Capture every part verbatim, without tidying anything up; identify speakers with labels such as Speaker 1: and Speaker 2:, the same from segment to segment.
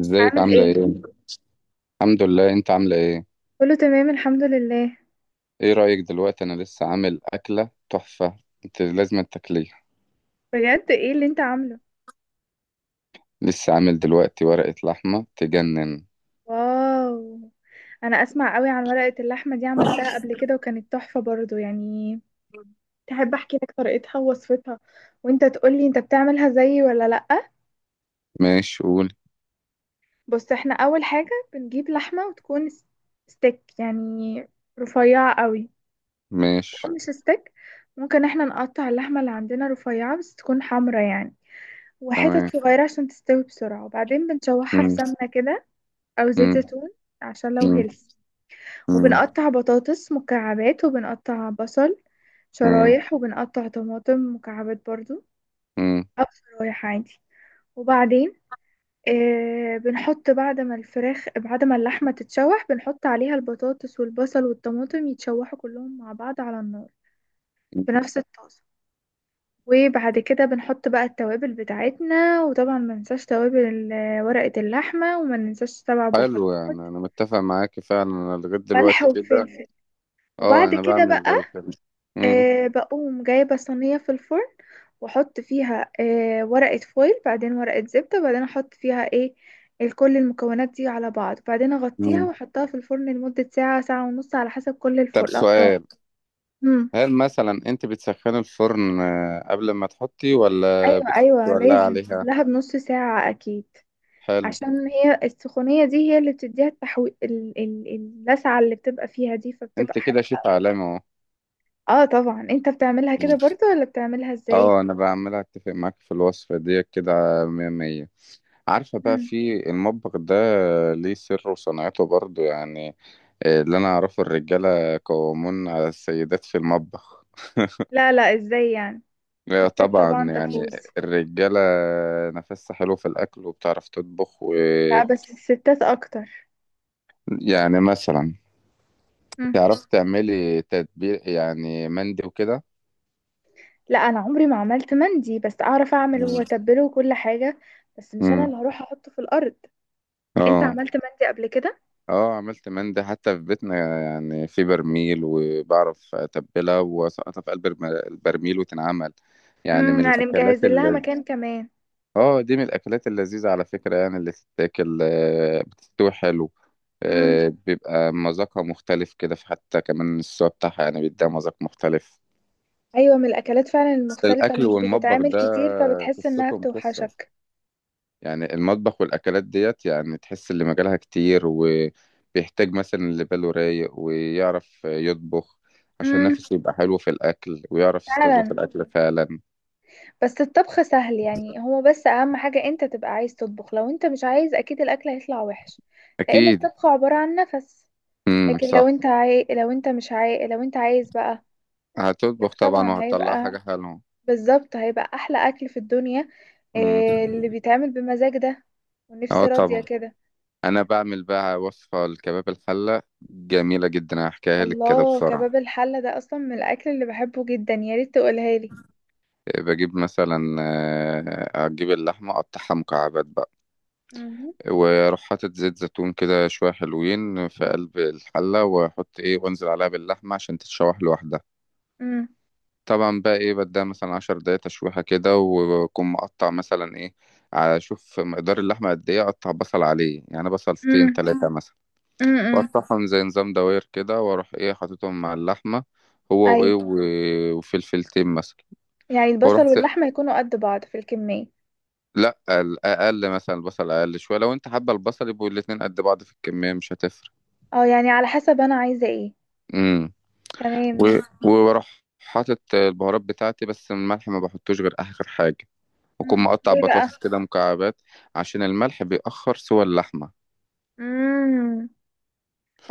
Speaker 1: ازيك
Speaker 2: عامل
Speaker 1: عاملة
Speaker 2: ايه.
Speaker 1: ايه؟ الحمد لله. انت عاملة ايه؟
Speaker 2: كله تمام الحمد لله.
Speaker 1: ايه رأيك دلوقتي، انا لسه عامل اكلة تحفة. انت لازم تاكليها.
Speaker 2: بجد ايه اللي انت عامله؟
Speaker 1: لسه عامل دلوقتي ورقة لحمة تجنن.
Speaker 2: واو. انا اسمع قوي عن ورقة اللحمة دي، عملتها قبل كده وكانت تحفة برضو يعني. تحب احكي لك طريقتها ووصفتها وانت تقولي انت بتعملها زيي ولا لأ؟
Speaker 1: ماشي قول.
Speaker 2: بص، احنا اول حاجة بنجيب لحمة وتكون س- ستيك يعني، رفيعة قوي.
Speaker 1: ماشي
Speaker 2: او مش ستيك، ممكن احنا نقطع اللحمة اللي عندنا رفيعة بس تكون حمرا يعني، وحتت
Speaker 1: تمام.
Speaker 2: صغيرة عشان تستوي بسرعة. وبعدين بنشوحها في
Speaker 1: مم.
Speaker 2: سمنة كده، او زيت
Speaker 1: مم.
Speaker 2: زيتون عشان لو
Speaker 1: مم.
Speaker 2: هيلث.
Speaker 1: مم.
Speaker 2: وبنقطع بطاطس مكعبات، وبنقطع بصل
Speaker 1: مم.
Speaker 2: شرايح، وبنقطع طماطم مكعبات برضو،
Speaker 1: مم.
Speaker 2: او شرايح عادي. وبعدين آه بنحط بعد ما الفراخ بعد ما اللحمة تتشوح بنحط عليها البطاطس والبصل والطماطم يتشوحوا كلهم مع بعض على النار، في نفس الطاسة. وبعد كده بنحط بقى التوابل بتاعتنا، وطبعا ما ننساش توابل ال- ورقة اللحمة، وما ننساش سبع بهارات،
Speaker 1: حلو، يعني انا متفق معاكي فعلا، انا لغاية
Speaker 2: ملح
Speaker 1: دلوقتي كده.
Speaker 2: وفلفل.
Speaker 1: اه
Speaker 2: وبعد
Speaker 1: انا
Speaker 2: كده
Speaker 1: بعمل
Speaker 2: بقى
Speaker 1: زي كده. مم.
Speaker 2: أه بقوم جايبة صينية في الفرن، واحط فيها أه ورقة فويل، بعدين ورقة زبدة، بعدين احط فيها ايه، ال- كل المكونات دي على بعض، بعدين اغطيها
Speaker 1: مم.
Speaker 2: واحطها في الفرن لمدة ساعة ساعة ونص على حسب كل
Speaker 1: طب
Speaker 2: الفرن الأفران.
Speaker 1: سؤال،
Speaker 2: مم.
Speaker 1: هل مثلا انت بتسخني الفرن آه، قبل ما تحطي ولا
Speaker 2: ايوه ايوه،
Speaker 1: بتولعي
Speaker 2: لازم
Speaker 1: عليها؟
Speaker 2: قبلها بنص ساعة اكيد.
Speaker 1: حلو.
Speaker 2: عشان هي السخونية دي هي اللي بتديها التحوي ال- ال- اللسعة اللي بتبقى فيها دي،
Speaker 1: انت
Speaker 2: فبتبقى
Speaker 1: كده
Speaker 2: حلوة.
Speaker 1: شيف عالمي اهو.
Speaker 2: اه طبعا. انت بتعملها كده
Speaker 1: مم.
Speaker 2: برضو ولا بتعملها ازاي؟
Speaker 1: اه انا بقى عمال اتفق معاك في الوصفه ديت كده. مية مية. عارفه بقى
Speaker 2: مم.
Speaker 1: في المطبخ ده ليه سر وصنعته برضو يعني. آه، اللي انا اعرفه الرجاله قوامون على السيدات في المطبخ.
Speaker 2: لا لا، ازاي يعني؟
Speaker 1: لا
Speaker 2: ستات
Speaker 1: طبعا
Speaker 2: طبعا
Speaker 1: يعني.
Speaker 2: تفوز.
Speaker 1: الرجاله نفسها حلو في الاكل وبتعرف تطبخ
Speaker 2: لا،
Speaker 1: ويعني،
Speaker 2: بس الستات اكتر.
Speaker 1: مثلا
Speaker 2: مم.
Speaker 1: تعرف تعملي تتبيل يعني مندي وكده.
Speaker 2: لا، انا عمري ما عملت مندي، بس اعرف اعمله
Speaker 1: مم.
Speaker 2: واتبله وكل حاجه، بس مش انا
Speaker 1: مم.
Speaker 2: اللي هروح احطه في الارض. انت
Speaker 1: اه.
Speaker 2: عملت مندي قبل كده؟
Speaker 1: اه عملت مندي حتى في بيتنا، يعني في برميل وبعرف اتبلها واسقطها في قلب الم- البرميل وتنعمل. يعني
Speaker 2: امم،
Speaker 1: من
Speaker 2: يعني مجهز
Speaker 1: الاكلات
Speaker 2: لها
Speaker 1: اللي،
Speaker 2: مكان كمان.
Speaker 1: اه دي من الاكلات اللذيذه على فكره، يعني اللي تتاكل آه، بتستوي حلو.
Speaker 2: امم،
Speaker 1: آه، بيبقى مذاقها مختلف كده، في حتى كمان السوا بتاعها يعني بيديها مذاق مختلف.
Speaker 2: ايوه من الاكلات فعلا المختلفه اللي
Speaker 1: الاكل
Speaker 2: مش
Speaker 1: والمطبخ
Speaker 2: بتتعمل
Speaker 1: ده
Speaker 2: كتير، فبتحس انها
Speaker 1: قصتهم قصه.
Speaker 2: بتوحشك.
Speaker 1: يعني المطبخ والأكلات ديت، يعني تحس اللي مجالها كتير وبيحتاج مثلا اللي باله رايق ويعرف يطبخ، عشان
Speaker 2: امم.
Speaker 1: نفسه يبقى حلو في الأكل ويعرف يستذوق
Speaker 2: فعلا.
Speaker 1: الأكل فعلا.
Speaker 2: بس الطبخ سهل يعني، هو بس اهم حاجه انت تبقى عايز تطبخ، لو انت مش عايز اكيد الاكل هيطلع وحش. لان
Speaker 1: أكيد.
Speaker 2: الطبخ عباره عن نفس.
Speaker 1: امم،
Speaker 2: لكن لو
Speaker 1: صح.
Speaker 2: انت عاي... لو انت مش عاي... لو انت عايز بقى، لا
Speaker 1: هتطبخ طبعا
Speaker 2: طبعا
Speaker 1: وهتطلع
Speaker 2: هيبقى،
Speaker 1: حاجة حلوة.
Speaker 2: بالظبط هيبقى احلى اكل في الدنيا.
Speaker 1: امم.
Speaker 2: إيه اللي بيتعمل بمزاج ده
Speaker 1: اه
Speaker 2: ونفسي راضية
Speaker 1: طبعا.
Speaker 2: كده.
Speaker 1: أنا بعمل بقى وصفة الكباب الحلة جميلة جدا، هحكيها لك كده
Speaker 2: الله،
Speaker 1: بسرعة.
Speaker 2: كباب الحلة ده اصلا من الاكل اللي بحبه جدا، يا ريت تقولها لي.
Speaker 1: بجيب مثلا آه، هجيب اللحمة أقطعها مكعبات بقى،
Speaker 2: مم.
Speaker 1: واروح حاطط زيت زيتون كده شويه حلوين في قلب الحله، واحط ايه وانزل عليها باللحمه عشان تتشوح لوحدها.
Speaker 2: مم.
Speaker 1: طبعا بقى ايه بديها مثلا عشر دقايق تشويحه كده، واكون مقطع مثلا ايه على شوف مقدار اللحمه قد ايه، اقطع بصل عليه يعني بصلتين
Speaker 2: مم.
Speaker 1: تلاتة مثلا،
Speaker 2: مم.
Speaker 1: واقطعهم زي نظام دواير كده، واروح ايه حاططهم مع اللحمه هو وايه
Speaker 2: ايوه،
Speaker 1: و- وفلفلتين مثلا.
Speaker 2: يعني البصل
Speaker 1: واروح س...
Speaker 2: واللحمة يكونوا قد بعض في الكمية.
Speaker 1: لا، اقل مثلا، البصل اقل شويه لو انت حابه، البصل يبقوا الاتنين قد بعض في الكميه مش هتفرق.
Speaker 2: اه يعني على حسب انا عايزة ايه.
Speaker 1: امم.
Speaker 2: تمام
Speaker 1: و-
Speaker 2: ماشي.
Speaker 1: وبروح حاطط البهارات بتاعتي، بس الملح ما بحطوش غير آخر حاجة. وأكون
Speaker 2: مم.
Speaker 1: مقطع
Speaker 2: ايه بقى.
Speaker 1: بطاطس كده مكعبات، عشان الملح بيأخر سوى اللحمة.
Speaker 2: مم.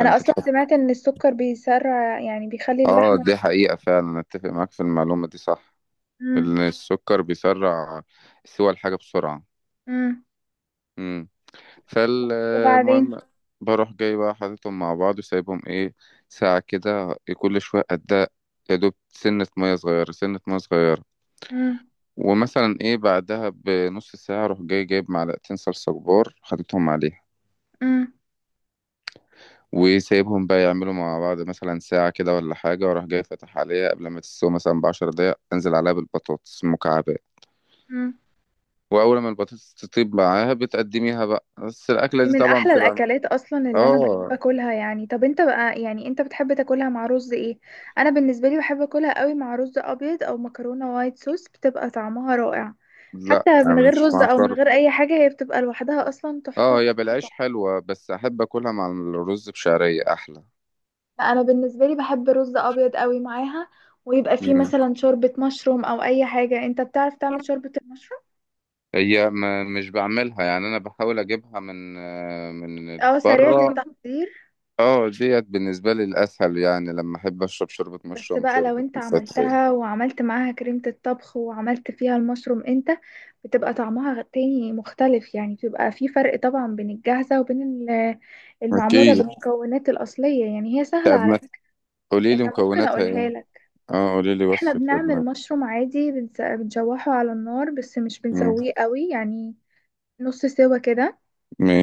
Speaker 2: انا اصلا
Speaker 1: تحط.
Speaker 2: سمعت ان السكر بيسرع، يعني بيخلي
Speaker 1: آه
Speaker 2: اللحمة.
Speaker 1: دي حقيقة فعلا، أتفق معاك في المعلومة دي صح.
Speaker 2: مم.
Speaker 1: إن السكر بيسرع سوى الحاجة بسرعة.
Speaker 2: مم.
Speaker 1: مم.
Speaker 2: وبعدين.
Speaker 1: فالمهم، بروح جاي بقى حاططهم مع بعض وسايبهم إيه ساعة كده، كل شوية أدق. يا دوب سنة مية صغيرة سنة مية صغيرة.
Speaker 2: مم.
Speaker 1: ومثلا ايه بعدها بنص ساعة اروح جاي جايب معلقتين صلصة كبار حاططهم عليها،
Speaker 2: مم.
Speaker 1: وسايبهم بقى يعملوا مع بعض مثلا ساعة كده ولا حاجة، واروح جاي فاتح عليها قبل ما تستوي مثلا بعشر دقايق انزل عليها بالبطاطس مكعبات.
Speaker 2: مم.
Speaker 1: واول ما البطاطس تطيب معاها بتقدميها بقى، بس الاكلة
Speaker 2: دي
Speaker 1: دي
Speaker 2: من
Speaker 1: طبعا
Speaker 2: احلى
Speaker 1: بتبقى.
Speaker 2: الاكلات اصلا اللي انا بحب
Speaker 1: اه.
Speaker 2: اكلها يعني. طب انت بقى يعني انت بتحب تاكلها مع رز ايه؟ انا بالنسبه لي بحب اكلها قوي مع رز ابيض او مكرونه وايت صوص، بتبقى طعمها رائع.
Speaker 1: لا،
Speaker 2: حتى من غير
Speaker 1: مش
Speaker 2: رز
Speaker 1: مع
Speaker 2: او من
Speaker 1: كرب.
Speaker 2: غير اي حاجه هي بتبقى لوحدها اصلا تحفه.
Speaker 1: اه هي
Speaker 2: تحفة،
Speaker 1: بالعيش
Speaker 2: تحفة.
Speaker 1: حلوة، بس احب اكلها مع الرز بشعرية احلى.
Speaker 2: لا، انا بالنسبه لي بحب رز ابيض قوي معاها، ويبقى فيه
Speaker 1: مم.
Speaker 2: مثلا شوربه مشروم او اي حاجه. انت بتعرف تعمل شوربه المشروم؟
Speaker 1: هي ما مش بعملها، يعني انا بحاول اجيبها من آه، من
Speaker 2: اه، سريعه
Speaker 1: بره.
Speaker 2: التحضير.
Speaker 1: اه ديت بالنسبة لي الأسهل، يعني لما أحب أشرب شوربة
Speaker 2: بس
Speaker 1: مشروم،
Speaker 2: بقى لو
Speaker 1: شوربة
Speaker 2: انت
Speaker 1: الفترة يعني.
Speaker 2: عملتها وعملت معاها كريمة الطبخ وعملت فيها المشروم انت، بتبقى طعمها غ- تاني مختلف، يعني بيبقى في فرق طبعا بين الجاهزة وبين ال- المعمولة
Speaker 1: أكيد.
Speaker 2: بالمكونات الأصلية. يعني هي سهلة
Speaker 1: طب
Speaker 2: على
Speaker 1: ما
Speaker 2: فكرة،
Speaker 1: قولي لي
Speaker 2: انا ممكن
Speaker 1: مكوناتها
Speaker 2: اقولها
Speaker 1: إيه؟
Speaker 2: لك.
Speaker 1: اه قولي لي
Speaker 2: احنا
Speaker 1: وصفة
Speaker 2: بنعمل
Speaker 1: شوربة.
Speaker 2: مشروم عادي، بنس- بنشوحه على النار بس مش
Speaker 1: مم.
Speaker 2: بنسويه قوي يعني، نص سوا كده،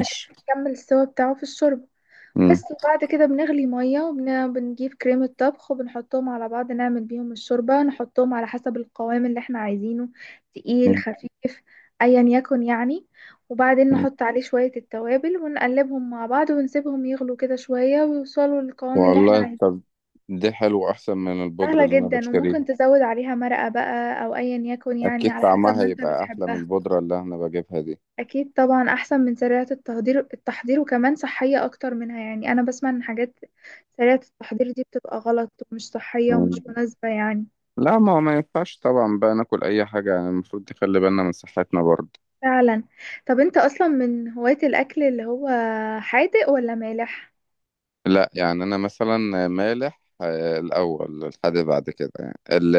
Speaker 2: عشان نكمل السوا بتاعه في الشوربة
Speaker 1: مم.
Speaker 2: بس. وبعد كده بنغلي مية وبنجيب كريمة طبخ وبنحطهم على بعض، نعمل بيهم الشوربة، نحطهم على حسب القوام اللي احنا عايزينه، تقيل
Speaker 1: مم.
Speaker 2: خفيف ايا يكن يعني. وبعدين
Speaker 1: مم.
Speaker 2: نحط عليه شوية التوابل ونقلبهم مع بعض ونسيبهم يغلوا كده شوية ويوصلوا للقوام اللي احنا
Speaker 1: والله
Speaker 2: عايزينه.
Speaker 1: طب دي حلوة أحسن من البودرة
Speaker 2: سهلة
Speaker 1: اللي أنا
Speaker 2: جدا،
Speaker 1: بشتريها.
Speaker 2: وممكن تزود عليها مرقة بقى او ايا يكن يعني،
Speaker 1: أكيد
Speaker 2: على حسب
Speaker 1: طعمها
Speaker 2: ما انت
Speaker 1: هيبقى أحلى من
Speaker 2: بتحبها.
Speaker 1: البودرة اللي أنا بجيبها دي.
Speaker 2: اكيد طبعا احسن من سريعة التحضير. التحضير وكمان صحية اكتر منها يعني. انا بسمع ان حاجات سريعة التحضير دي بتبقى غلط ومش صحية ومش
Speaker 1: مم.
Speaker 2: مناسبة يعني.
Speaker 1: لا، ما هو ما ينفعش طبعا بقى ناكل أي حاجة، يعني المفروض نخلي بالنا من صحتنا برضه.
Speaker 2: فعلا. طب انت اصلا من هواة الاكل اللي هو حادق ولا مالح؟
Speaker 1: لا يعني انا مثلا، مالح آه، الاول الحادق بعد كده، يعني ال-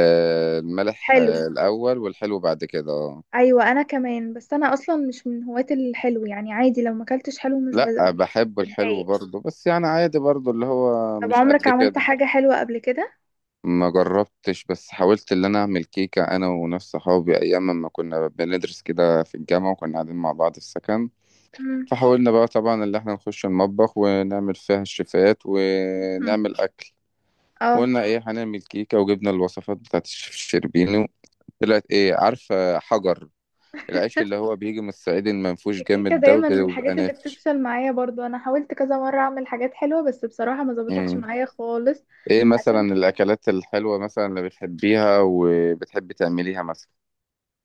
Speaker 1: المالح
Speaker 2: حلو.
Speaker 1: آه، الاول والحلو بعد كده اه.
Speaker 2: ايوه انا كمان، بس انا اصلا مش من هواة الحلو يعني، عادي لو ما اكلتش حلو مش بز-
Speaker 1: لا
Speaker 2: مش
Speaker 1: بحب الحلو
Speaker 2: بتضايق.
Speaker 1: برضه، بس يعني عادي برضه اللي هو
Speaker 2: طب
Speaker 1: مش
Speaker 2: عمرك
Speaker 1: قد
Speaker 2: عملت
Speaker 1: كده.
Speaker 2: حاجة حلوة قبل كده؟
Speaker 1: ما جربتش، بس حاولت اللي انا اعمل كيكة انا وناس صحابي ايام ما كنا بندرس كده في الجامعة وكنا قاعدين مع بعض في السكن.
Speaker 2: مم.
Speaker 1: فحاولنا بقى طبعا اللي احنا نخش المطبخ ونعمل فيها الشيفات ونعمل اكل.
Speaker 2: اه.
Speaker 1: وقلنا ايه هنعمل كيكة وجبنا الوصفات بتاعت الشيف الشربيني. طلعت ايه، عارفة؟ حجر. العيش اللي هو بيجي من الصعيد المنفوش
Speaker 2: الكيكة
Speaker 1: جامد ده،
Speaker 2: دايما من
Speaker 1: وبيبقى
Speaker 2: الحاجات اللي
Speaker 1: نافش.
Speaker 2: بتفشل معايا برضو، انا حاولت كذا مرة اعمل حاجات حلوة بس بصراحة ما ظبطتش
Speaker 1: مم.
Speaker 2: معايا خالص.
Speaker 1: ايه مثلا
Speaker 2: عشان
Speaker 1: الاكلات الحلوة مثلا اللي بتحبيها وبتحبي تعمليها مثلا؟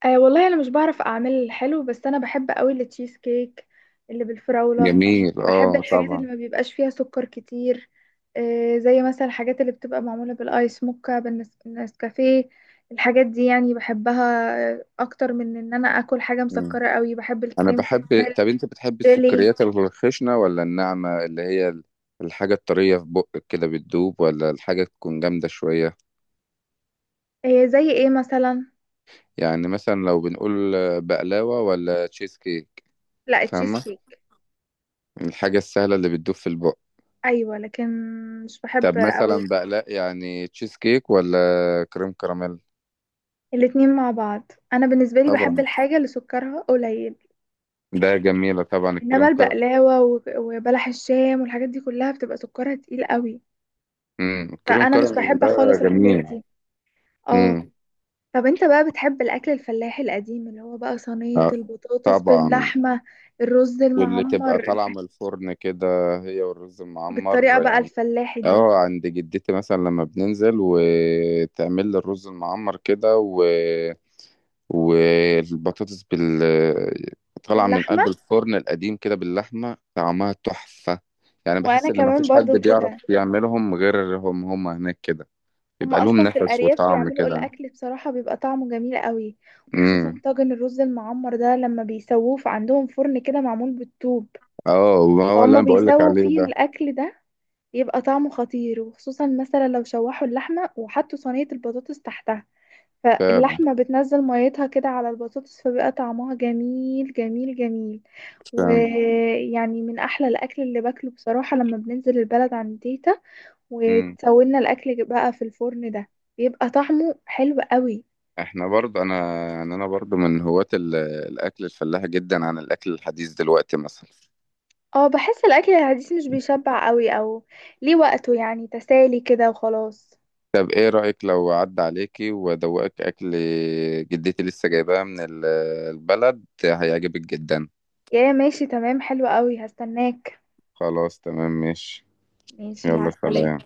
Speaker 2: آه والله انا مش بعرف اعمل الحلو، بس انا بحب قوي التشيز كيك اللي بالفراولة.
Speaker 1: جميل،
Speaker 2: بحب
Speaker 1: اه
Speaker 2: الحاجات اللي
Speaker 1: طبعا.
Speaker 2: ما بيبقاش فيها سكر كتير، آه زي مثلا الحاجات اللي بتبقى معمولة بالايس موكا، بالنس- بالنسكافيه. الحاجات دي يعني بحبها، آه، اكتر من ان انا اكل حاجة
Speaker 1: مم.
Speaker 2: مسكرة قوي. بحب
Speaker 1: انا
Speaker 2: الكريم،
Speaker 1: بحب،
Speaker 2: بحب
Speaker 1: طب انت بتحبي
Speaker 2: الجيلي.
Speaker 1: السكريات الخشنة ولا الناعمة، اللي هي الحاجة الطرية في بقك كده بتدوب، ولا الحاجة تكون جامدة شوية؟
Speaker 2: آه زي ايه مثلا؟
Speaker 1: يعني مثلا لو بنقول بقلاوة ولا تشيز كيك؟
Speaker 2: لا، التشيز
Speaker 1: فاهمة؟
Speaker 2: كيك.
Speaker 1: الحاجة السهلة اللي بتدوب في البق.
Speaker 2: ايوه لكن مش بحب
Speaker 1: طب
Speaker 2: قوي
Speaker 1: مثلا بقلاق، يعني تشيز كيك ولا كريم كراميل؟
Speaker 2: الاتنين مع بعض. انا بالنسبه لي بحب
Speaker 1: طبعا
Speaker 2: الحاجه اللي سكرها قليل.
Speaker 1: ده جميلة طبعا
Speaker 2: انما
Speaker 1: الكريم كراميل.
Speaker 2: البقلاوه و- وبلح الشام والحاجات دي كلها بتبقى سكرها تقيل قوي،
Speaker 1: امم، الكريم
Speaker 2: فانا مش
Speaker 1: كراميل
Speaker 2: بحب
Speaker 1: ده
Speaker 2: خالص الحاجات
Speaker 1: جميل.
Speaker 2: دي. اه.
Speaker 1: امم.
Speaker 2: طب انت بقى بتحب الاكل الفلاحي القديم اللي هو بقى صينيه
Speaker 1: آه،
Speaker 2: البطاطس
Speaker 1: طبعا.
Speaker 2: باللحمه، الرز
Speaker 1: واللي تبقى
Speaker 2: المعمر،
Speaker 1: طالعة من الفرن كده، هي والرز
Speaker 2: بالطريقه
Speaker 1: المعمر
Speaker 2: بقى
Speaker 1: يعني.
Speaker 2: الفلاحي دي؟
Speaker 1: اه عند جدتي مثلا لما بننزل وتعمل لي الرز المعمر كده، و والبطاطس بال طالعة من
Speaker 2: باللحمه،
Speaker 1: قلب الفرن القديم كده باللحمة، طعمها تحفة. يعني
Speaker 2: وانا
Speaker 1: بحس إن
Speaker 2: كمان
Speaker 1: مفيش حد
Speaker 2: برضو
Speaker 1: بيعرف
Speaker 2: كده.
Speaker 1: يعملهم غيرهم هم هناك كده، بيبقى
Speaker 2: هما
Speaker 1: لهم
Speaker 2: اصلا في
Speaker 1: نفس
Speaker 2: الارياف
Speaker 1: وطعم
Speaker 2: بيعملوا
Speaker 1: كده.
Speaker 2: الاكل بصراحه بيبقى طعمه جميل قوي،
Speaker 1: امم.
Speaker 2: وخصوصا طاجن الرز المعمر ده لما بيسووه في عندهم فرن كده معمول بالطوب.
Speaker 1: اه هو اللي
Speaker 2: فهم
Speaker 1: انا بقول لك
Speaker 2: بيسووا
Speaker 1: عليه
Speaker 2: فيه
Speaker 1: ده.
Speaker 2: الاكل ده يبقى طعمه خطير، وخصوصا مثلا لو شوحوا اللحمه وحطوا صينيه البطاطس تحتها،
Speaker 1: فعلا.
Speaker 2: فاللحمه بتنزل ميتها كده على البطاطس، فبيبقى طعمها جميل جميل جميل.
Speaker 1: فعلا.
Speaker 2: ويعني من احلى الاكل اللي باكله بصراحه، لما بننزل البلد عند تيتا
Speaker 1: امم.
Speaker 2: وتسوينا الاكل بقى في الفرن ده، بيبقى طعمه حلو قوي.
Speaker 1: احنا برضه انا، يعني انا برضه من هواة ال- الاكل الفلاحي جدا عن الاكل الحديث دلوقتي مثلا.
Speaker 2: اه، بحس الاكل الحديث مش بيشبع قوي، او ليه وقته يعني، تسالي كده وخلاص.
Speaker 1: طب ايه رأيك لو عدى عليكي وادوقك اكل جدتي لسه جايباه من ال- البلد هيعجبك جدا.
Speaker 2: يا ماشي تمام، حلو قوي، هستناك.
Speaker 1: خلاص تمام ماشي.
Speaker 2: ماشي، مع
Speaker 1: يلا
Speaker 2: السلامة.
Speaker 1: سلام.